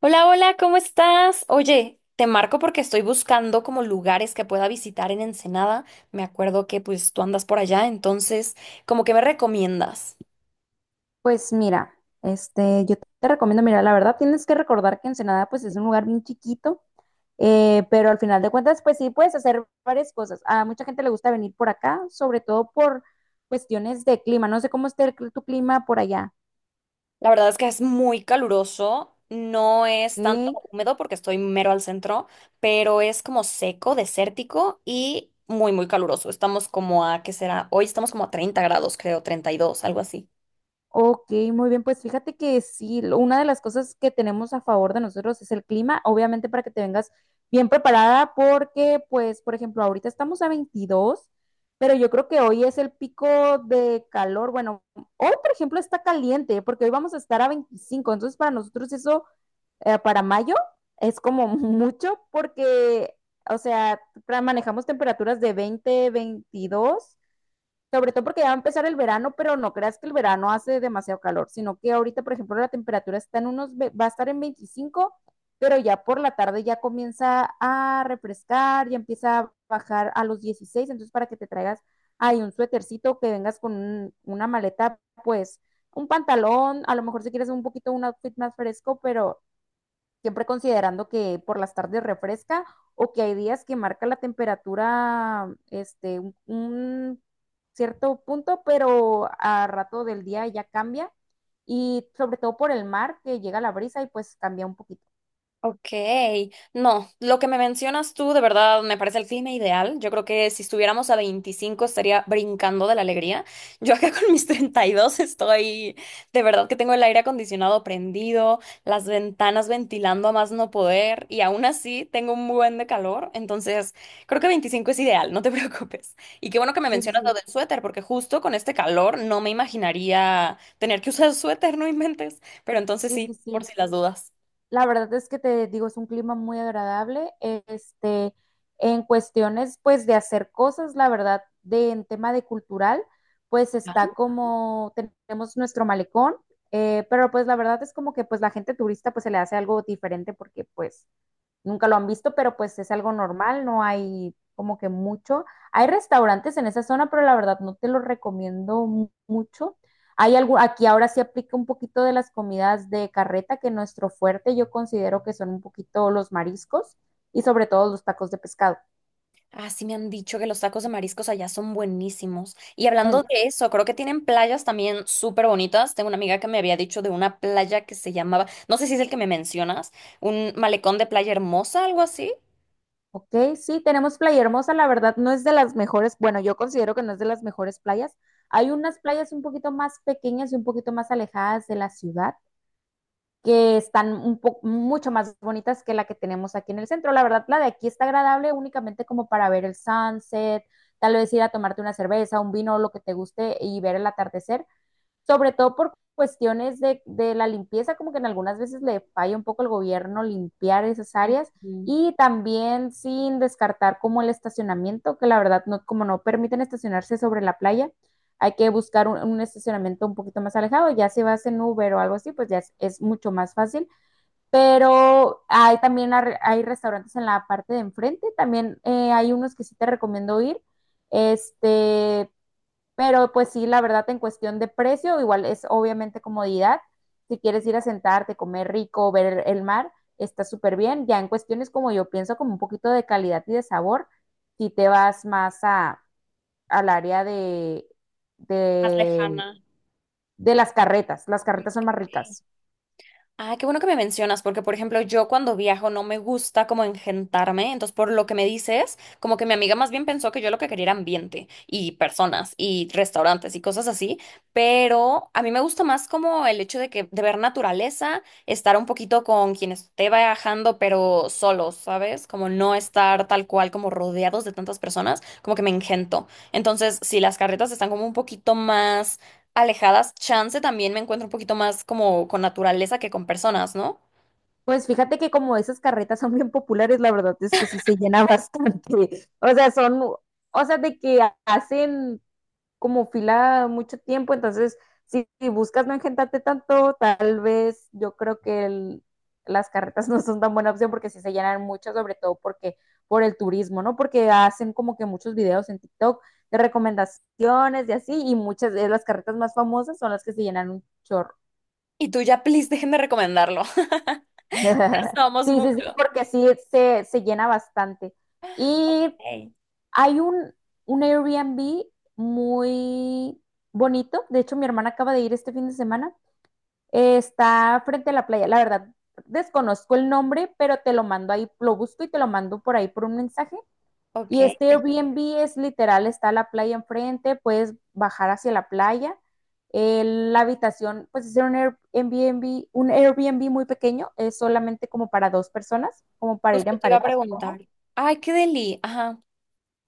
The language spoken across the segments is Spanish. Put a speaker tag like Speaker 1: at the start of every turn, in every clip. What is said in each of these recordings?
Speaker 1: Hola, hola, ¿cómo estás? Oye, te marco porque estoy buscando como lugares que pueda visitar en Ensenada. Me acuerdo que pues tú andas por allá, entonces, ¿como que me recomiendas?
Speaker 2: Pues mira, yo te recomiendo, mira, la verdad tienes que recordar que Ensenada pues es un lugar bien chiquito, pero al final de cuentas pues sí puedes hacer varias cosas. A mucha gente le gusta venir por acá, sobre todo por cuestiones de clima. No sé cómo esté tu clima por allá,
Speaker 1: La verdad es que es muy caluroso, no es tanto
Speaker 2: ¿ok?
Speaker 1: húmedo porque estoy mero al centro, pero es como seco, desértico y muy, muy caluroso. Estamos como a, ¿qué será? Hoy estamos como a 30 grados, creo, 32, algo así.
Speaker 2: Ok, muy bien, pues fíjate que sí, una de las cosas que tenemos a favor de nosotros es el clima, obviamente para que te vengas bien preparada porque, pues, por ejemplo, ahorita estamos a 22, pero yo creo que hoy es el pico de calor. Bueno, hoy, por ejemplo, está caliente porque hoy vamos a estar a 25. Entonces para nosotros eso, para mayo, es como mucho porque, o sea, manejamos temperaturas de 20, 22. Sobre todo porque ya va a empezar el verano, pero no creas que el verano hace demasiado calor, sino que ahorita, por ejemplo, la temperatura está en unos, va a estar en 25, pero ya por la tarde ya comienza a refrescar, ya empieza a bajar a los 16. Entonces para que te traigas ahí un suétercito, que vengas con una maleta, pues un pantalón, a lo mejor si quieres un poquito un outfit más fresco, pero siempre considerando que por las tardes refresca o que hay días que marca la temperatura este, un cierto punto, pero a rato del día ya cambia, y sobre todo por el mar que llega la brisa y pues cambia un poquito.
Speaker 1: Ok, no, lo que me mencionas tú de verdad me parece el clima ideal. Yo creo que si estuviéramos a 25 estaría brincando de la alegría. Yo acá con mis 32 estoy, de verdad que tengo el aire acondicionado prendido, las ventanas ventilando a más no poder y aún así tengo un buen de calor. Entonces, creo que 25 es ideal, no te preocupes. Y qué bueno que me
Speaker 2: Sí, sí,
Speaker 1: mencionas lo
Speaker 2: sí,
Speaker 1: del suéter, porque justo con este calor no me imaginaría tener que usar suéter, no inventes. Pero entonces
Speaker 2: sí,
Speaker 1: sí,
Speaker 2: sí,
Speaker 1: por
Speaker 2: sí.
Speaker 1: si las dudas.
Speaker 2: La verdad es que te digo, es un clima muy agradable. En cuestiones, pues, de hacer cosas, la verdad, de en tema de cultural, pues está como tenemos nuestro malecón, pero pues la verdad es como que pues la gente turista pues se le hace algo diferente porque pues nunca lo han visto, pero pues es algo normal, no hay como que mucho. Hay restaurantes en esa zona, pero la verdad no te lo recomiendo mucho. Hay algo, aquí ahora sí aplica un poquito de las comidas de carreta, que nuestro fuerte yo considero que son un poquito los mariscos, y sobre todo los tacos de pescado.
Speaker 1: Ah, sí me han dicho que los tacos de mariscos allá son buenísimos. Y hablando
Speaker 2: En-
Speaker 1: de eso, creo que tienen playas también súper bonitas. Tengo una amiga que me había dicho de una playa que se llamaba, no sé si es el que me mencionas, un malecón de playa hermosa, algo así.
Speaker 2: ok, sí, tenemos Playa Hermosa, la verdad no es de las mejores, bueno, yo considero que no es de las mejores playas. Hay unas playas un poquito más pequeñas y un poquito más alejadas de la ciudad, que están un poco mucho más bonitas que la que tenemos aquí en el centro. La verdad, la de aquí está agradable únicamente como para ver el sunset, tal vez ir a tomarte una cerveza, un vino, lo que te guste y ver el atardecer, sobre todo por cuestiones de la limpieza, como que en algunas veces le falla un poco el gobierno limpiar esas áreas,
Speaker 1: Ujú.
Speaker 2: y también sin descartar como el estacionamiento, que la verdad no, como no permiten estacionarse sobre la playa, hay que buscar un estacionamiento un poquito más alejado. Ya si vas en Uber o algo así, pues ya es mucho más fácil, pero hay también hay restaurantes en la parte de enfrente, también hay unos que sí te recomiendo ir, este, pero pues sí, la verdad, en cuestión de precio, igual es obviamente comodidad. Si quieres ir a sentarte, comer rico, ver el mar, está súper bien. Ya en cuestiones como yo pienso, como un poquito de calidad y de sabor, si te vas más a, al área
Speaker 1: Más
Speaker 2: de,
Speaker 1: lejana.
Speaker 2: de las carretas son más ricas.
Speaker 1: Ah, qué bueno que me mencionas, porque por ejemplo, yo cuando viajo no me gusta como engentarme, entonces por lo que me dices, como que mi amiga más bien pensó que yo lo que quería era ambiente y personas y restaurantes y cosas así, pero a mí me gusta más como el hecho de que de ver naturaleza, estar un poquito con quien esté viajando, pero solos, ¿sabes? Como no estar tal cual como rodeados de tantas personas, como que me engento. Entonces, si las carretas están como un poquito más alejadas, chance también me encuentro un poquito más como con naturaleza que con personas, ¿no?
Speaker 2: Pues fíjate que como esas carretas son bien populares, la verdad es que sí se llena bastante. O sea, son, o sea, de que hacen como fila mucho tiempo, entonces si buscas no engentarte tanto, tal vez yo creo que las carretas no son tan buena opción porque sí se llenan mucho, sobre todo porque por el turismo, ¿no? Porque hacen como que muchos videos en TikTok de recomendaciones y así, y muchas de las carretas más famosas son las que se llenan un chorro.
Speaker 1: Y tú ya, please, déjenme recomendarlo. Ya somos
Speaker 2: Sí, sí, sí,
Speaker 1: muchos.
Speaker 2: porque sí se llena bastante. Y
Speaker 1: Ey.
Speaker 2: hay un Airbnb muy bonito. De hecho, mi hermana acaba de ir este fin de semana. Está frente a la playa. La verdad, desconozco el nombre, pero te lo mando ahí, lo busco y te lo mando por ahí por un mensaje.
Speaker 1: Ok.
Speaker 2: Y este Airbnb es literal, está la playa enfrente, puedes bajar hacia la playa. La habitación, pues es un Airbnb muy pequeño, es solamente como para dos personas, como para ir
Speaker 1: Justo
Speaker 2: en
Speaker 1: te iba a
Speaker 2: pareja,
Speaker 1: preguntar.
Speaker 2: supongo.
Speaker 1: Ay, qué deli. Ajá.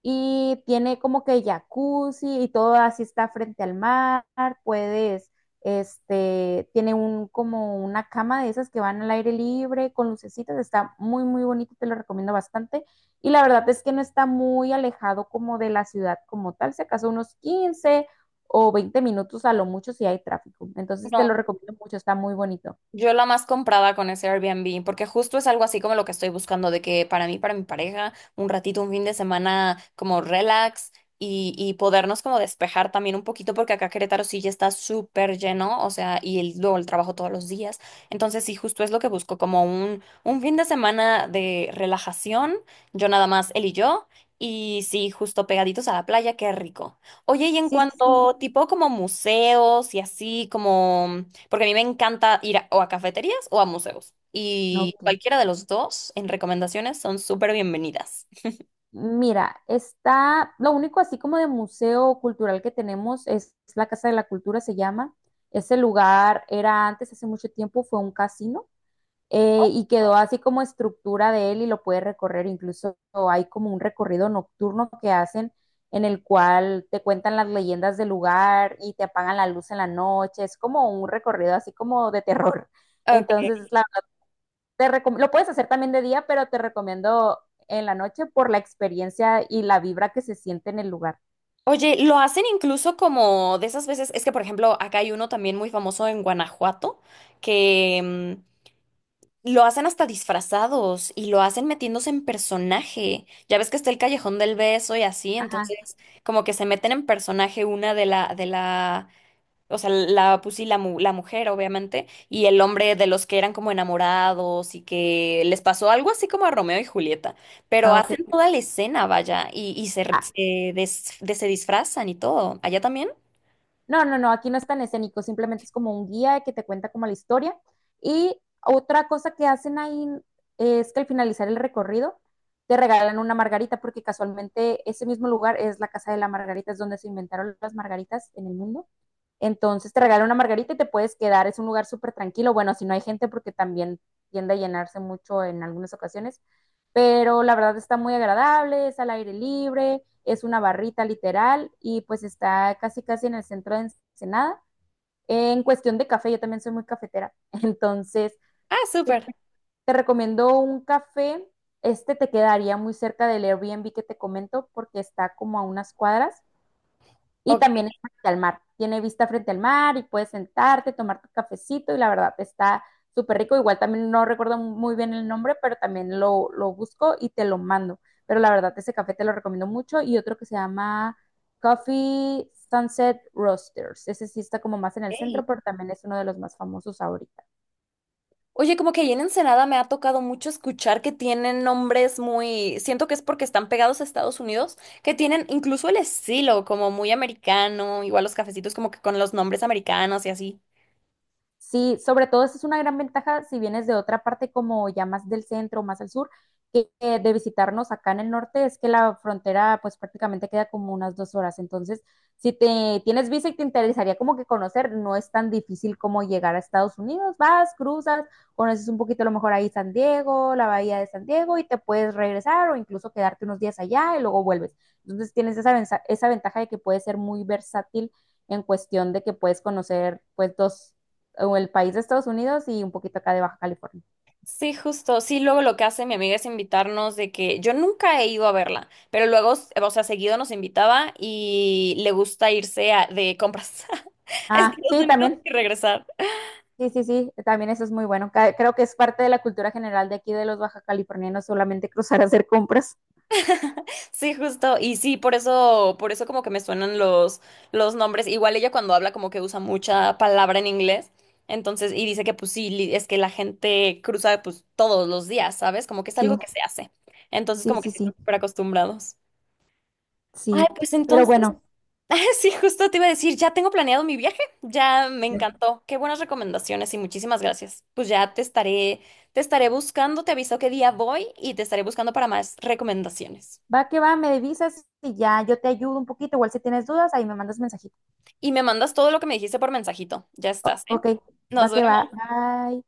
Speaker 2: Y tiene como que jacuzzi y todo, así está frente al mar, puedes, este, tiene un como una cama de esas que van al aire libre con lucecitas, está muy muy bonito, te lo recomiendo bastante, y la verdad es que no está muy alejado como de la ciudad como tal, se acaso unos 15 o 20 minutos a lo mucho si hay tráfico. Entonces te lo
Speaker 1: No.
Speaker 2: recomiendo mucho, está muy bonito.
Speaker 1: Yo la más comprada con ese Airbnb, porque justo es algo así como lo que estoy buscando, de que para mí, para mi pareja, un ratito, un fin de semana como relax y podernos como despejar también un poquito, porque acá Querétaro sí ya está súper lleno, o sea, y luego el trabajo todos los días. Entonces sí, justo es lo que busco, como un, fin de semana de relajación, yo nada más, él y yo, y sí, justo pegaditos a la playa, qué rico. Oye, y en
Speaker 2: Sí, sí, sí.
Speaker 1: cuanto tipo como museos y así como... Porque a mí me encanta ir o a cafeterías o a museos. Y
Speaker 2: Ok.
Speaker 1: cualquiera de los dos en recomendaciones son súper bienvenidas.
Speaker 2: Mira, está, lo único así como de museo cultural que tenemos es la Casa de la Cultura, se llama. Ese lugar era antes, hace mucho tiempo, fue un casino, y quedó así como estructura de él y lo puedes recorrer. Incluso hay como un recorrido nocturno que hacen, en el cual te cuentan las leyendas del lugar y te apagan la luz en la noche. Es como un recorrido así como de terror.
Speaker 1: Ok.
Speaker 2: Entonces, la lo puedes hacer también de día, pero te recomiendo en la noche por la experiencia y la vibra que se siente en el lugar.
Speaker 1: Oye, lo hacen incluso como de esas veces, es que por ejemplo acá hay uno también muy famoso en Guanajuato, que lo hacen hasta disfrazados y lo hacen metiéndose en personaje. Ya ves que está el Callejón del Beso y así,
Speaker 2: Ajá,
Speaker 1: entonces como que se meten en personaje una de la. O sea, la, pues sí, la, la mujer, obviamente, y el hombre de los que eran como enamorados y que les pasó algo así como a Romeo y Julieta, pero
Speaker 2: ah, ok.
Speaker 1: hacen toda la escena, vaya, y se, r-
Speaker 2: Ah,
Speaker 1: se, des- de- se disfrazan y todo. ¿Allá también?
Speaker 2: no, no, no, aquí no es tan escénico, simplemente es como un guía que te cuenta como la historia. Y otra cosa que hacen ahí es que al finalizar el recorrido te regalan una margarita, porque casualmente ese mismo lugar es la casa de la margarita, es donde se inventaron las margaritas en el mundo. Entonces te
Speaker 1: Ok.
Speaker 2: regalan una margarita y te puedes quedar, es un lugar súper tranquilo. Bueno, si no hay gente, porque también tiende a llenarse mucho en algunas ocasiones, pero la verdad está muy agradable, es al aire libre, es una barrita literal y pues está casi casi en el centro de Ensenada. En cuestión de café, yo también soy muy cafetera, entonces
Speaker 1: Ah,
Speaker 2: te
Speaker 1: súper.
Speaker 2: te recomiendo un café, este te quedaría muy cerca del Airbnb que te comento porque está como a unas cuadras, y
Speaker 1: Ok.
Speaker 2: también es frente al mar. Tiene vista frente al mar y puedes sentarte, tomar tu cafecito y la verdad está súper rico. Igual también no recuerdo muy bien el nombre, pero también lo busco y te lo mando. Pero la verdad ese café te lo recomiendo mucho, y otro que se llama Coffee Sunset Roasters. Ese sí está como más en el centro, pero también es uno de los más famosos ahorita.
Speaker 1: Oye, como que ahí en Ensenada me ha tocado mucho escuchar que tienen nombres muy, siento que es porque están pegados a Estados Unidos, que tienen incluso el estilo como muy americano, igual los cafecitos como que con los nombres americanos y así.
Speaker 2: Sí, sobre todo esa es una gran ventaja si vienes de otra parte como ya más del centro, más al sur, que de visitarnos acá en el norte es que la frontera pues prácticamente queda como unas 2 horas. Entonces, si te tienes visa y te interesaría como que conocer, no es tan difícil como llegar a Estados Unidos. Vas, cruzas, conoces un poquito a lo mejor ahí San Diego, la bahía de San Diego y te puedes regresar o incluso quedarte unos días allá y luego vuelves. Entonces, tienes esa, esa ventaja de que puedes ser muy versátil en cuestión de que puedes conocer pues dos, o el país de Estados Unidos y un poquito acá de Baja California.
Speaker 1: Sí, justo. Sí, luego lo que hace mi amiga es invitarnos de que yo nunca he ido a verla, pero luego, o sea, seguido nos invitaba y le gusta irse de compras a
Speaker 2: Ah,
Speaker 1: Estados
Speaker 2: sí,
Speaker 1: Unidos
Speaker 2: también.
Speaker 1: y regresar.
Speaker 2: Sí, sí, sí, también eso es muy bueno. Creo que es parte de la cultura general de aquí de los baja californianos solamente cruzar a hacer compras.
Speaker 1: Sí, justo. Y sí, por eso como que me suenan los nombres. Igual ella cuando habla como que usa mucha palabra en inglés. Entonces, y dice que pues sí, es que la gente cruza pues todos los días, ¿sabes? Como que es algo
Speaker 2: Sí,
Speaker 1: que se hace. Entonces,
Speaker 2: sí,
Speaker 1: como que
Speaker 2: sí,
Speaker 1: sí están
Speaker 2: sí,
Speaker 1: súper acostumbrados. Ay,
Speaker 2: sí.
Speaker 1: pues
Speaker 2: Pero
Speaker 1: entonces.
Speaker 2: bueno,
Speaker 1: Sí, justo te iba a decir, ya tengo planeado mi viaje, ya me encantó. Qué buenas recomendaciones y muchísimas gracias. Pues ya te estaré buscando, te aviso qué día voy y te estaré buscando para más recomendaciones.
Speaker 2: va que va, me divisas y ya yo te ayudo un poquito. Igual si tienes dudas, ahí me mandas mensajito.
Speaker 1: Y me mandas todo lo que me dijiste por mensajito. Ya estás, ¿eh?
Speaker 2: Ok, va
Speaker 1: Nos
Speaker 2: que va.
Speaker 1: vemos.
Speaker 2: Bye.